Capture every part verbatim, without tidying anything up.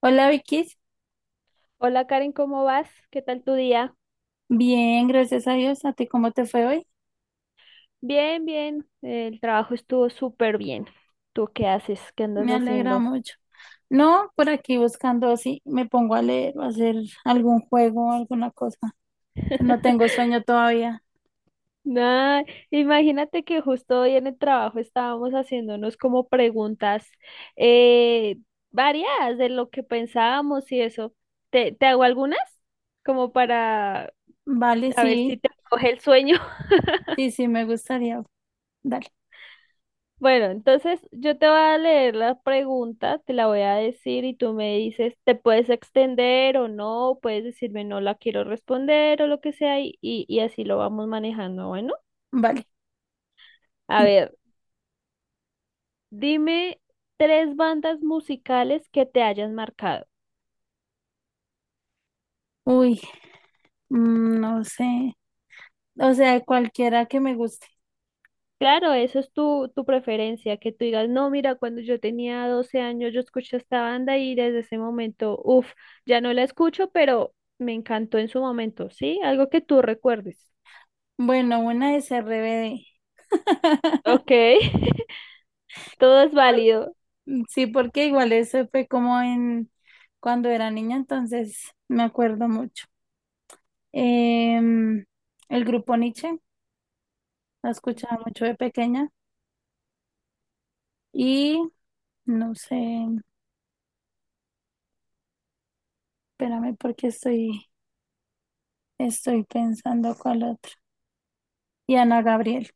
Hola Vicky, Hola Karen, ¿cómo vas? ¿Qué tal tu día? bien, gracias a Dios. ¿A ti cómo te fue hoy? Bien, bien. El trabajo estuvo súper bien. ¿Tú qué haces? ¿Qué andas Me alegra haciendo? mucho. No, por aquí buscando si me pongo a leer o a hacer algún juego o alguna cosa, que no tengo sueño todavía. Nah, imagínate que justo hoy en el trabajo estábamos haciéndonos como preguntas eh, variadas de lo que pensábamos y eso. ¿Te, te hago algunas? Como para Vale, a ver si sí, te coge el sueño. sí, sí, me gustaría. Dale, Bueno, entonces yo te voy a leer la pregunta, te la voy a decir y tú me dices, te puedes extender o no, puedes decirme no la quiero responder o lo que sea y, y, y así lo vamos manejando. Bueno, vale. a ver, dime tres bandas musicales que te hayan marcado. Uy, mm, no sé. O sea, cualquiera que me guste. Claro, eso es tu, tu preferencia, que tú digas, no, mira, cuando yo tenía doce años yo escuché esta banda y desde ese momento, uff, ya no la escucho, pero me encantó en su momento, ¿sí? Algo que tú recuerdes. Bueno, una es R B D. Ok, todo es Por- válido. Sí, porque igual eso fue como en cuando era niña, entonces me acuerdo mucho. Em, el grupo Nietzsche, la escuchaba mucho de pequeña y no sé, espérame porque estoy, estoy pensando cuál otro. Y Ana Gabriel.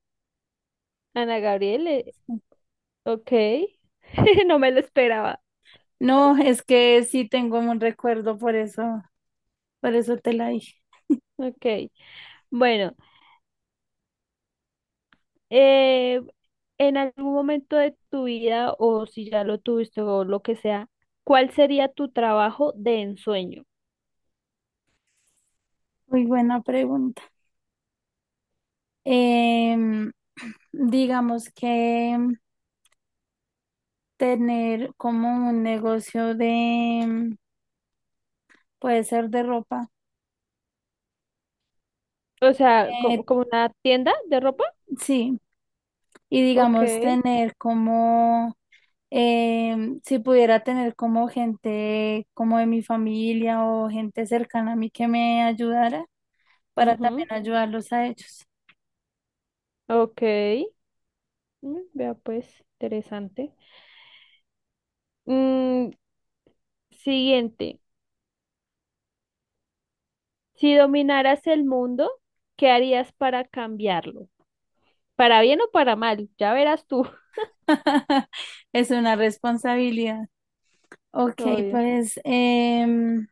Ana Gabriel, eh, ok. No me lo esperaba. No, es que sí tengo un recuerdo, por eso, por eso te la dije. Ok, bueno, eh, en algún momento de tu vida o si ya lo tuviste o lo que sea, ¿cuál sería tu trabajo de ensueño? Muy buena pregunta. Em, digamos que tener como un negocio de, puede ser de ropa. O sea, Eh, ¿como, como una tienda de ropa? sí, y Ok, digamos tener como Em, si pudiera tener como gente como de mi familia o gente cercana a mí que me ayudara para también ujú, ayudarlos a ellos. ok. Mm, vea pues, interesante. Mm, siguiente, si dominaras el mundo, ¿qué harías para cambiarlo? Para bien o para mal, ya verás tú. Es una responsabilidad. Ok, Obvio. pues, em,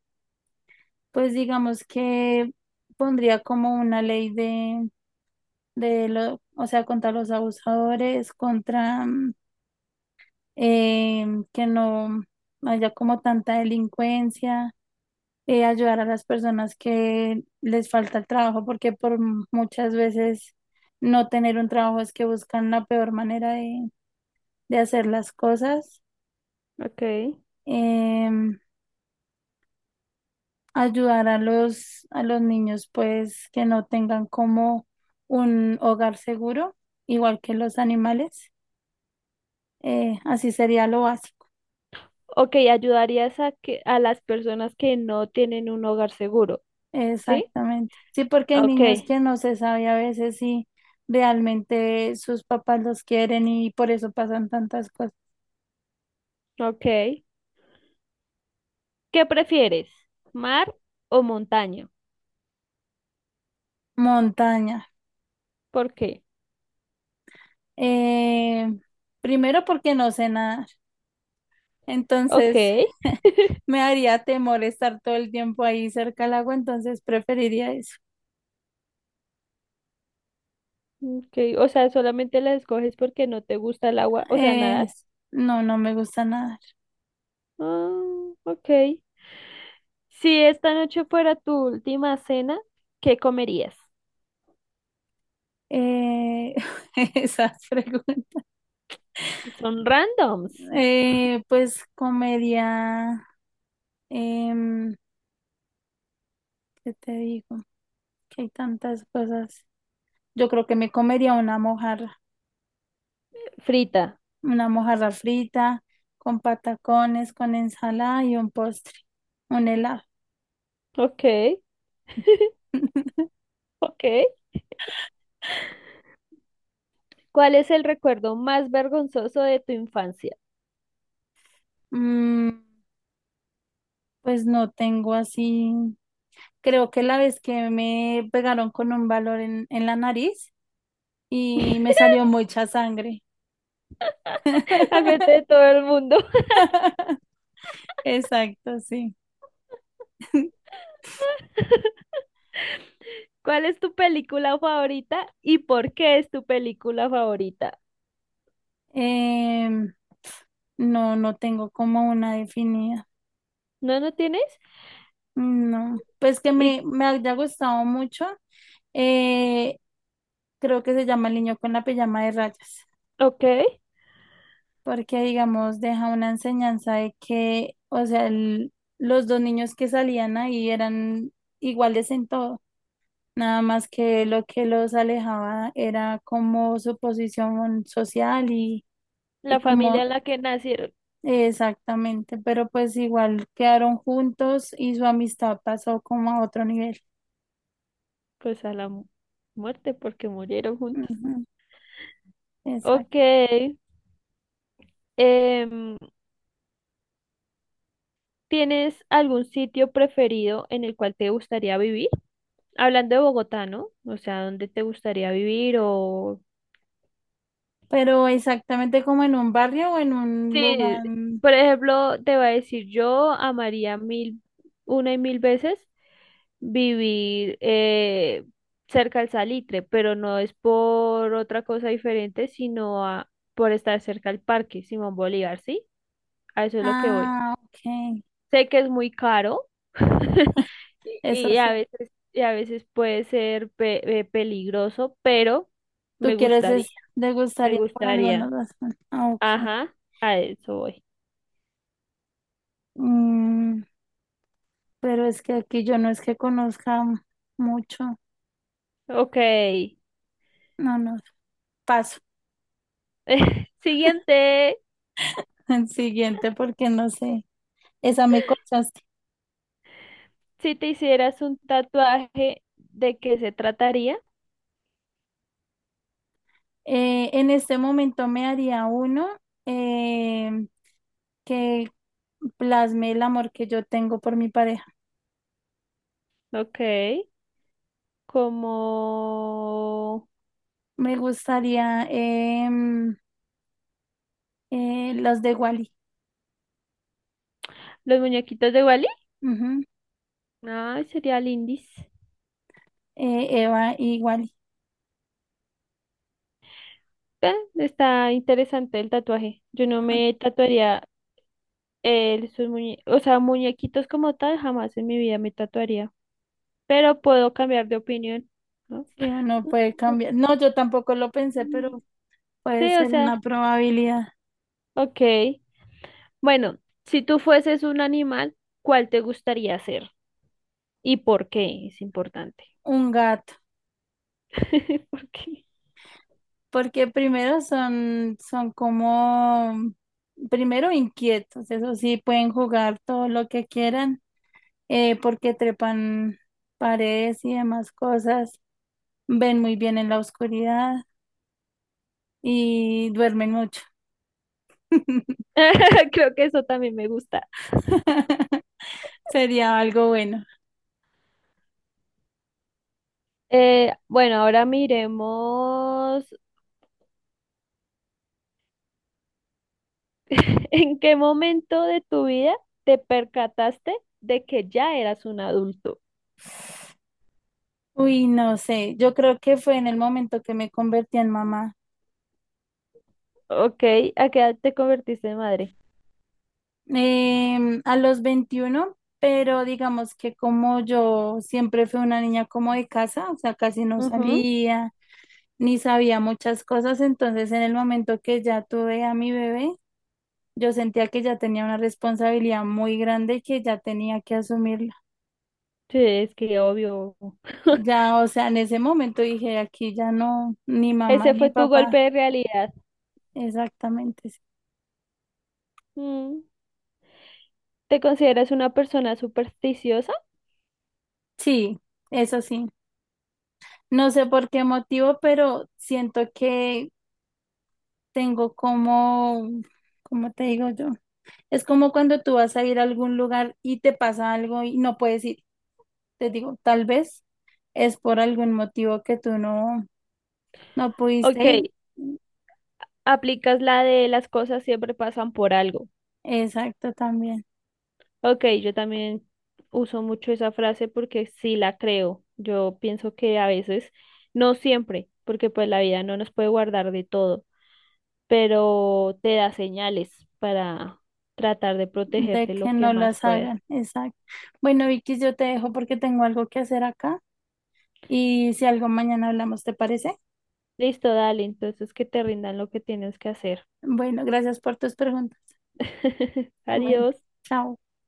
pues digamos que pondría como una ley de, de lo, o sea, contra los abusadores, contra mm, em, que no haya como tanta delincuencia eh, ayudar a las personas que les falta el trabajo, porque por m- muchas veces no tener un trabajo es que buscan la peor manera de, de hacer las cosas. Ok. Em, Ayudar a los, a los niños, pues, que no tengan como un hogar seguro, igual que los animales. Eh, así sería lo básico. Ok, ayudarías a que a las personas que no tienen un hogar seguro, ¿sí? Exactamente. Sí, porque hay Ok. niños que no se sabe a veces si realmente sus papás los quieren y por eso pasan tantas cosas. Ok. ¿Qué prefieres? ¿Mar o montaña? Montaña. ¿Por qué? Eh, Primero porque no sé nadar, Ok. entonces me haría temor estar todo el tiempo ahí cerca al agua, entonces preferiría eso. Ok. O sea, solamente la escoges porque no te gusta el agua. O sea, nadar. Eh, no, no me gusta nadar. Ah, ok. Si esta noche fuera tu última cena, ¿qué comerías? Eh, esas preguntas. Son randoms. Eh, pues comería, em, ¿qué te digo? Que hay tantas cosas. Yo creo que me comería una mojarra, Frita. una mojarra frita con patacones, con ensalada y un postre, un helado. Ok. Ok. ¿Cuál es el recuerdo más vergonzoso de tu infancia? Mm, pues no tengo así. Creo que la vez que me pegaron con un valor en, en la nariz y me salió mucha sangre. Al frente de todo el mundo. Exacto, sí. ¿Cuál es tu película favorita y por qué es tu película favorita? Em, no, no tengo como una definida. ¿No, no tienes? No. Pues que Y, me, me haya gustado mucho. eh, Creo que se llama El niño con la pijama de rayas. ok, Porque, digamos, deja una enseñanza de que, o sea, el- los dos niños que salían ahí eran iguales en todo, nada más que lo que los alejaba era como su posición social y, y la familia como en la que nacieron, exactamente, pero pues igual quedaron juntos y su amistad pasó como a otro nivel. pues a la mu- muerte porque murieron juntos. Ujú, exacto. Ok, em, ¿tienes algún sitio preferido en el cual te gustaría vivir? Hablando de Bogotá, ¿no? O sea, ¿dónde te gustaría vivir o Pero exactamente como en un barrio o en un sí, lugar. por ejemplo, te voy a decir, yo amaría mil, una y mil veces vivir eh, cerca al salitre, pero no es por otra cosa diferente, sino a- por estar cerca al parque Simón Bolívar, ¿sí? A eso es lo que voy. Ah, ok. Sé que es muy caro y, Eso y sí. a veces, y a veces puede ser pe- eh, peligroso, pero Tú me quieres gustaría, es me degustaría por alguna gustaría. razón. Ah, ok. Ajá, a eso voy. Mm, pero es que aquí yo no es que conozca mucho. Ok. No, no. Paso. Siguiente, El siguiente porque no sé. Esa me cortaste. si te hicieras un tatuaje, ¿de qué se trataría? Eh, en este momento me haría uno eh, que plasme el amor que yo tengo por mi pareja. Ok, como Me gustaría em, eh, los de Wally. los muñequitos de Wally. Ujú. Ay, sería lindis. Eh, Eva y Wally. Ve, está interesante el tatuaje. Yo no me tatuaría eh, sus muñe- o sea, muñequitos como tal, jamás en mi vida me tatuaría. Pero puedo cambiar de opinión, ¿no? Sí, uno puede cambiar. No, yo tampoco lo pensé, pero Puede Sí, o ser una sea, probabilidad. ok. Bueno, si tú fueses un animal, ¿cuál te gustaría ser? ¿Y por qué? Es importante. Un gato, ¿Por qué? porque primero son, son como, primero inquietos, eso sí, pueden jugar todo lo que quieran, eh, porque trepan paredes y demás cosas, ven muy bien en la oscuridad y duermen mucho. Creo que eso también me gusta. Sería algo bueno. Eh, bueno, ahora miremos en qué momento de tu vida te percataste de que ya eras un adulto. Uy, no sé, yo creo que fue en el momento que me convertí en mamá. Ok, ¿a qué edad te convertiste en madre? Em, a los veintiuno pero digamos que como yo siempre fui una niña como de casa, o sea, casi no Ujú. salía, ni sabía muchas cosas, entonces en el momento que ya tuve a mi bebé, yo sentía que ya tenía una responsabilidad muy grande y que ya tenía que asumirla. Sí, es que obvio. Ya, o sea, en ese momento dije, aquí ya no, ni mamá Ese fue ni tu papá, golpe de realidad. exactamente. Sí, Mm. ¿Te consideras una persona supersticiosa? sí, eso sí. No sé por qué motivo, pero siento que tengo como, ¿cómo te digo yo? Es como cuando tú vas a ir a algún lugar y te pasa algo y no puedes ir. Te digo, tal vez es por algún motivo que tú no, no pudiste Ok, ir. aplicas la de las cosas siempre pasan por algo. Exacto, también, Ok, yo también uso mucho esa frase porque sí la creo. Yo pienso que a veces, no siempre, porque pues la vida no nos puede guardar de todo, pero te da señales para tratar de de protegerte que lo que no más las puedas. hagan, exacto. Bueno, Vicky, yo te dejo porque tengo algo que hacer acá y si algo mañana hablamos, ¿te parece? Listo, dale, entonces que te rindan lo que tienes que hacer. Bueno, gracias por tus preguntas. Bueno, Adiós. chao.